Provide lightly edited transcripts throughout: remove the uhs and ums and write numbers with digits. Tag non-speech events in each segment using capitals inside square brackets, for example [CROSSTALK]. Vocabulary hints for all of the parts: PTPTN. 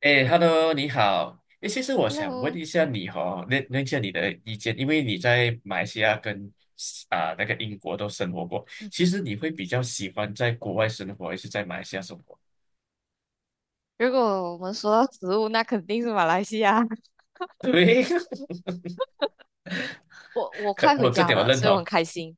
哎，Hello，你好。哎，其实我想问 Hello，一下你哦，问问一下你的意见，因为你在马来西亚跟那个英国都生活过，其实你会比较喜欢在国外生活，还是在马来西亚生活？如果我们说到食物，那肯定是马来西亚。对，[LAUGHS] 我 [LAUGHS] 我可快回我这家点我了，认所以我很同。开心。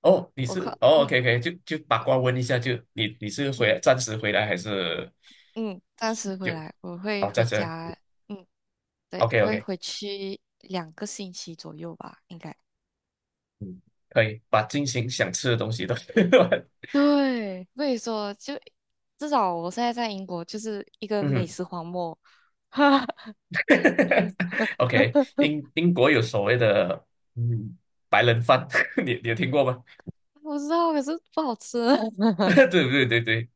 哦，你我是快，哦，OK OK，就八卦问一下，就你是回来嗯暂时回来还是嗯，暂时就回来，我会哦回暂时家。嗯，对，？OK 会 OK，回去2个星期左右吧，应该。嗯，可以把进行想吃的东西都 [LAUGHS] 对，所以说就至少我现在在英国就是一个美嗯 食荒漠。[LAUGHS] [LAUGHS] OK，英国有所谓的嗯白人饭，[LAUGHS] 你有听过吗？我知道，可是不好吃。[LAUGHS] [LAUGHS] 对对对对，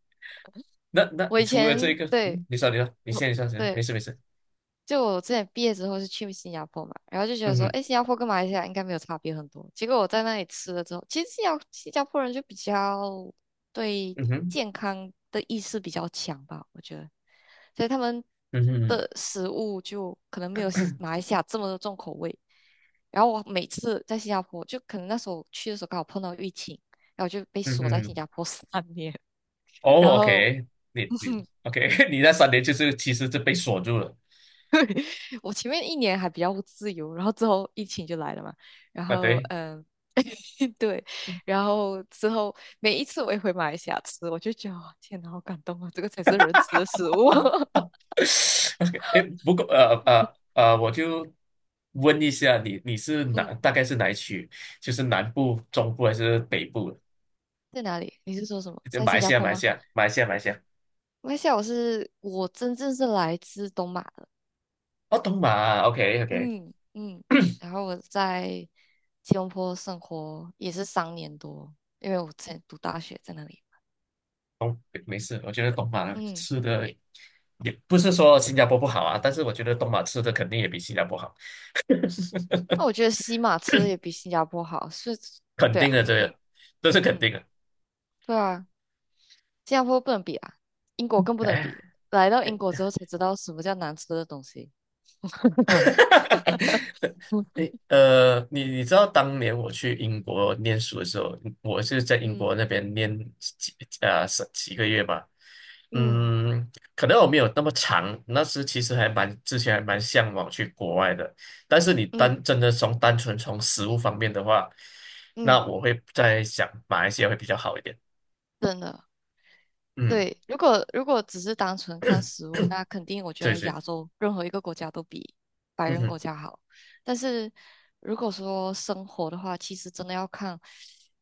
那我以除了这前个，对你说你说，我你说先，对没事没事，就我之前毕业之后是去新加坡嘛，然后就觉得嗯说，哼哎，新加坡跟马来西亚应该没有差别很多。结果我在那里吃了之后，其实新加坡人就比较对嗯哼健康的意识比较强吧，我觉得，所以他们嗯哼的食物就可能没有西马来西亚这么的重口味。然后我每次在新加坡，就可能那时候去的时候刚好碰到疫情，然后就被嗯锁在新哼，加坡三年，[LAUGHS] 然哦后 ，OK，你 [LAUGHS] OK，[LAUGHS] 你那3年就是其实就被锁住了我前面1年还比较自由，然后之后疫情就来了嘛，然啊，后对 [LAUGHS] 对，然后之后每一次我也回马来西亚吃，我就觉得哇天哪，好感动啊，这个才是人吃的食物。[LAUGHS] [LAUGHS]，OK，哎，不过我就问一下你是嗯，大概是哪一区？就是南部、中部还是北部？在哪里？你是说什么？就在马来新加西亚坡马来吗？西亚马来西亚马来西亚马来西亚，我真正是来自东马的，哦，东马，OK OK，嗯嗯，[CLEARS THROAT] 然后我在吉隆坡生活也是3年多，因为我之前读大学在那里，东没事，我觉得东马嗯。吃的也不是说新加坡不好啊，但是我觉得东马吃的肯定也比新加坡好，[LAUGHS] 那我觉得西马吃的也比新加坡好，是，肯对定的啊，这嗯个，这是肯嗯，定的。对啊，新加坡不能比啊，英国更不能哎 比。来到英国之后才知道什么叫难吃的东西。[LAUGHS] 哈 [LAUGHS] 哈哈！诶，你知道当年我去英国念书的时候，我是在英国嗯那边念几个月吧，嗯嗯，可能我没有那么长，那时其实还蛮向往去国外的，但是你嗯单纯从食物方面的话，那嗯，我会在想马来西亚会比较好一点，真的。嗯，对，如果只是单纯看 [COUGHS] 食物，那肯定我 [CLEARS THROAT] 觉对得对，亚洲任何一个国家都比白嗯人哼，国家好。但是如果说生活的话，其实真的要看，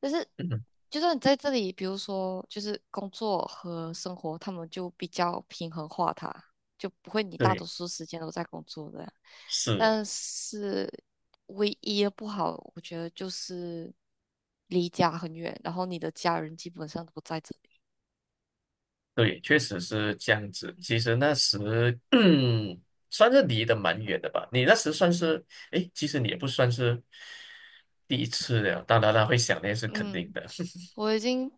就是嗯哼，就算你在这里，比如说就是工作和生活，他们就比较平衡化它，就不会你大对，多数时间都在工作的。是。但是唯一的不好，我觉得就是离家很远，然后你的家人基本上都不在这里。对，确实是这样子。其实那时，[CLEARS THROAT] 嗯，算是离得蛮远的吧。你那时算是，诶，其实你也不算是第一次了。当然了，会想念是肯定嗯。的，我已经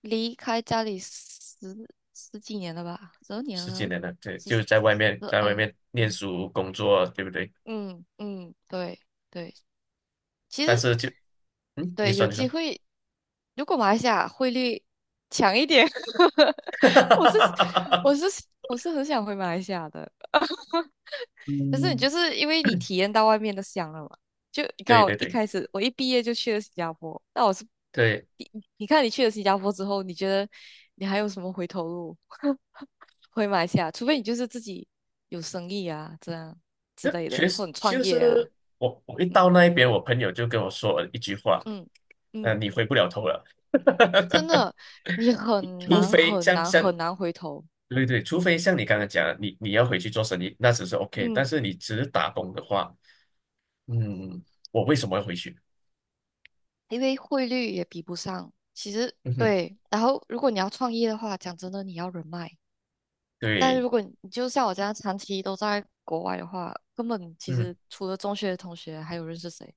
离开家里十几年了吧，十二 [LAUGHS] 年十几了，年了，对，十就十是在外面，在外二，面念嗯书、工作，对不对？嗯嗯，对对，其但实，是就，你对，说，有你说，机会，如果马来西亚汇率强一点，[LAUGHS] 我是 [LAUGHS] 我是我是很想回马来西亚的，可是你嗯，就是因为你体验到外面的香了嘛，就你看，对对对我一毕业就去了新加坡，那我是对，你你看你去了新加坡之后，你觉得你还有什么回头路？回马来西亚，除非你就是自己有生意啊，这样之那类确的，实或者创就业啊，是我一到嗯那一边，我朋友就跟我说了一句话，嗯嗯，嗯、你回不了头了。真 [LAUGHS] 的，你很除难非很难很难回头，对对，除非像你刚刚讲的，你要回去做生意，那只是 OK。但嗯，是你只是打工的话，嗯，我为什么要回去？因为汇率也比不上。其实，嗯哼，对，然后如果你要创业的话，讲真的，你要人脉，但是对，如果你就像我这样长期都在国外的话，根本其嗯实除了中学的同学，还有认识谁？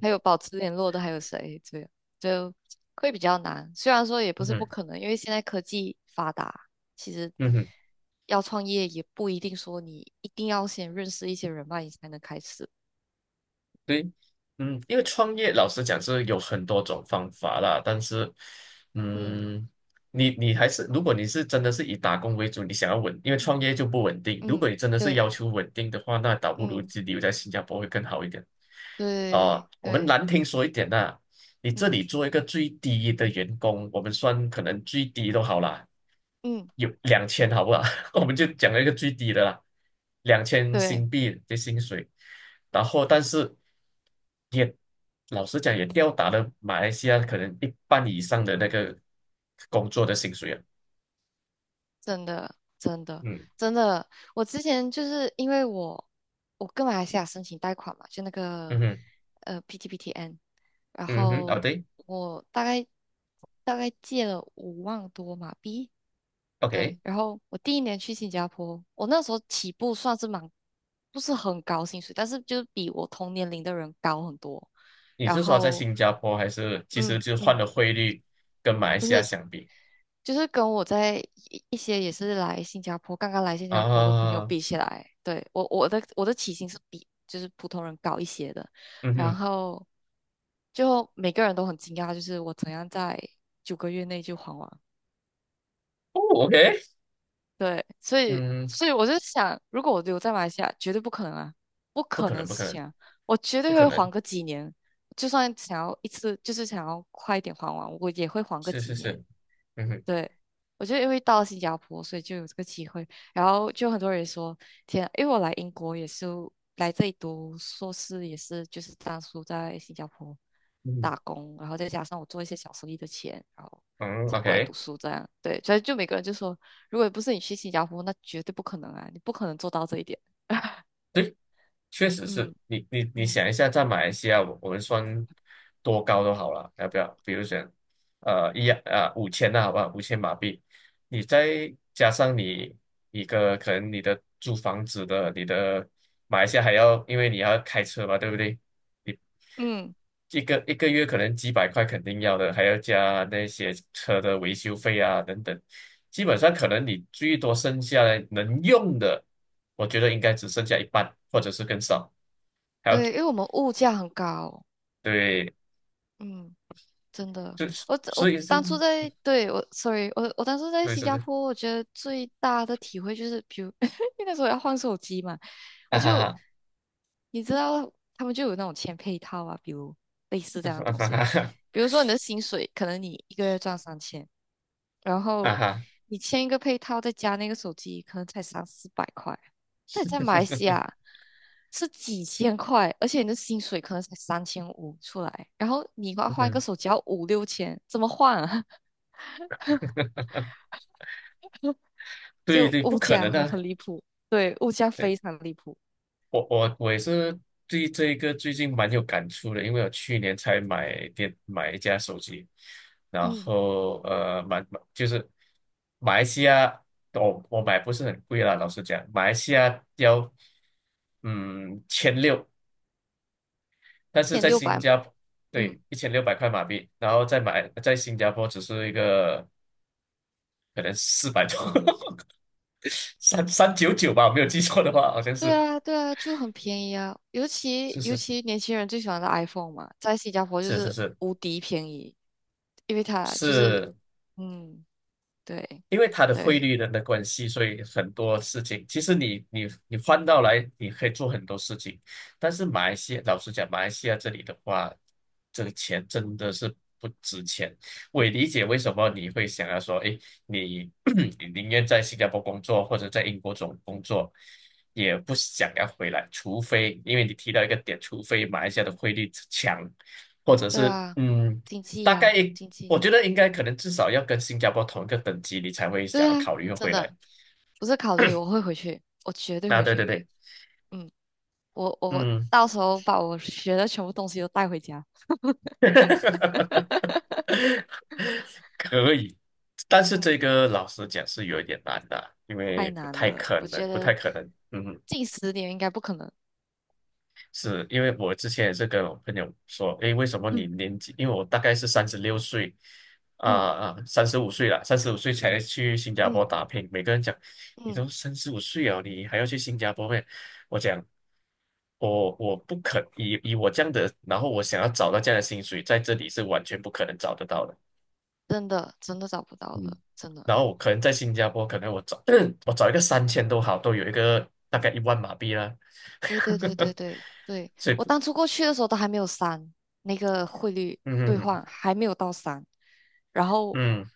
还有保持联络的还有谁？这样就会比较难。虽然说也不嗯是不哼可能，因为现在科技发达，其实嗯哼。要创业也不一定说你一定要先认识一些人脉，你才能开始。对，因为创业老实讲是有很多种方法啦，但是，嗯嗯，你还是如果你是真的是以打工为主，你想要稳，因为创业就不稳定。如果嗯，你真的是对，要求稳定的话，那倒不如嗯，就留在新加坡会更好一点。对啊、我们对，难听说一点呐、你这嗯里做一个最低的员工，我们算可能最低都好啦，嗯，有两千好不好？[LAUGHS] 我们就讲了一个最低的啦，两千对。新币的薪水，然后但是也老实讲也吊打了马来西亚可能一半以上的那个工作的薪水啊，真的，真的，嗯真的，我之前就是因为我跟马来西亚申请贷款嘛，就那个嗯哼PTPTN，然嗯哼，哦后对我大概借了5万多马币，对，，OK，然后我第一年去新加坡，我那时候起步算是不是很高薪水，但是就是比我同年龄的人高很多，你然是说在后新加坡还是其实嗯就换嗯。了汇率跟马来不西亚是。相比就是跟我在一些也是来新加坡，刚刚来新加坡的朋友啊？比起来，对，我的起薪是比就是普通人高一些的，嗯然哼，后就每个人都很惊讶，就是我怎样在9个月内就还完。哦，OK，对，所以嗯，所以我就想，如果我留在马来西亚，绝对不可能啊，不不可可能能的不可事能情啊，我绝不对可会还能，个几年，就算想要一次，就是想要快一点还完，我也会还个是几是年。是，嗯哼对，我就因为到了新加坡，所以就有这个机会。然后就很多人说，天啊，因为我来英国也是来这里读硕士，也是就是当初在新加坡嗯打工，然后再加上我做一些小生意的钱，然后哼嗯才过来读，OK。书这样。对，所以就每个人就说，如果不是你去新加坡，那绝对不可能啊，你不可能做到这一点。对。确实是嗯你嗯想一下，在马来西亚，我们算多高都好了，要不要？比如讲，五千那好吧，5000马币，你再加上你一个可能你的租房子的，你的马来西亚还要，因为你要开车嘛，对不对？你嗯，一个月可能几百块肯定要的，还要加那些车的维修费啊等等，基本上可能你最多剩下来能用的，我觉得应该只剩下一半，或者是更少。还要对，因为我们物价很高。对，嗯。真的，就是我所我以是当初在，对，sorry，我当初在为新什么加是坡，我觉得最大的体会就是，比如 [LAUGHS] 因为那时候要换手机嘛，我啊哈就哈你知道，他们就有那种签配套啊，比如类似这样的啊东西，哈哈比如说你的薪水，可能你一个月赚三千，然啊后哈，你签一个配套，再加那个手机，可能才三四百块，那你在马来西亚是几千块，而且你的薪水可能才3500出来，然后你要换一个嗯，手机要五六千，怎么换啊？[LAUGHS] [LAUGHS] 对就对，不物可价能很的。很离谱，对，物价对，非常离谱，我也是对这个最近蛮有感触的，因为我去年才买一架手机，然嗯，后蛮就是马来西亚，我买不是很贵啦，老实讲，马来西亚要千六一但是千在六新百，加坡，嗯，对，1600块马币，然后再买，在新加坡只是一个可能400多，[LAUGHS] 3399吧，我没有记错的话，好像对是，啊，对啊，就很便宜啊，尤其是尤是其年轻人最喜欢的 iPhone 嘛，在新加坡就是是是是无敌便宜，因为它就是，是，嗯，对，因为它的汇对，率的关系，所以很多事情，其实你换到来，你可以做很多事情。但是马来西亚，老实讲，马来西亚这里的话，这个钱真的是不值钱。我也理解为什么你会想要说，哎，你 [CLEARS THROAT] 你宁愿在新加坡工作或者在英国总工作，也不想要回来，除非因为你提到一个点，除非马来西亚的汇率强，或者对是啊，嗯。经济大概呀、经我济。觉得应该嗯。可能至少要跟新加坡同一个等级，你才会想对要啊，考虑真回来。的不是考虑，我会回去，我绝对啊，回对对去。对，嗯，我嗯，到时候把我学的全部东西都带回家。[LAUGHS] [LAUGHS] 可以。但是这嗯，个老实讲是有一点难的，因为太不难太了，可我能，觉不太得可能。嗯近10年应该不可能。是因为我之前也是跟我朋友说，诶，为什么你嗯年纪？因为我大概是36岁，啊、嗯啊，三十五岁了，三十五岁才去新加坡嗯打拼。每个人讲，你都嗯，三十五岁了，你还要去新加坡咩？我讲，我不可以以我这样的，然后我想要找到这样的薪水，在这里是完全不可能找得到的。真的真的找不到嗯，了，真的。然后我可能在新加坡，可能我找 [CLEARS THROAT] 我找一个3000都好，都有一个大概10000马币啦。对对对对 [LAUGHS] 对对，所以，我当初过去的时候都还没有三，那个汇率嗯。兑嗯换嗯还没有到三，然后嗯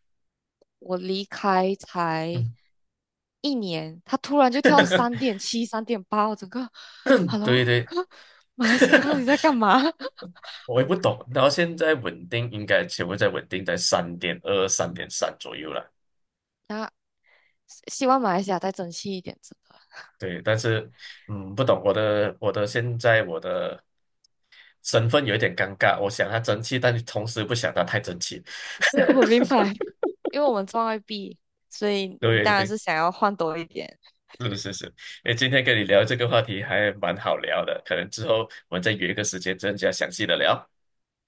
我离开才嗯，一年，他突然就跳三 [LAUGHS] 点七、三点八，我整个对，Hello，对，[LAUGHS] 马来西亚到底在干 [LAUGHS] 嘛？[LAUGHS] 我也不懂。然后现在稳定应该全部在稳定在3.2、3.3左右了。那希望马来西亚再争气一点，真的。对，但是不懂我的我的现在我的身份有一点尴尬，我想他争气，但同时不想他太争气。[LAUGHS] 对，我明白。因为我们赚外币，所以 [LAUGHS] 你对当然对，是想要换多一点。是是是。诶，今天跟你聊这个话题还蛮好聊的，可能之后我们再约一个时间更加详细的聊。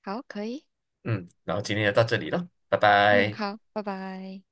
好，可以，嗯，然后今天就到这里了，拜嗯，拜。好，拜拜。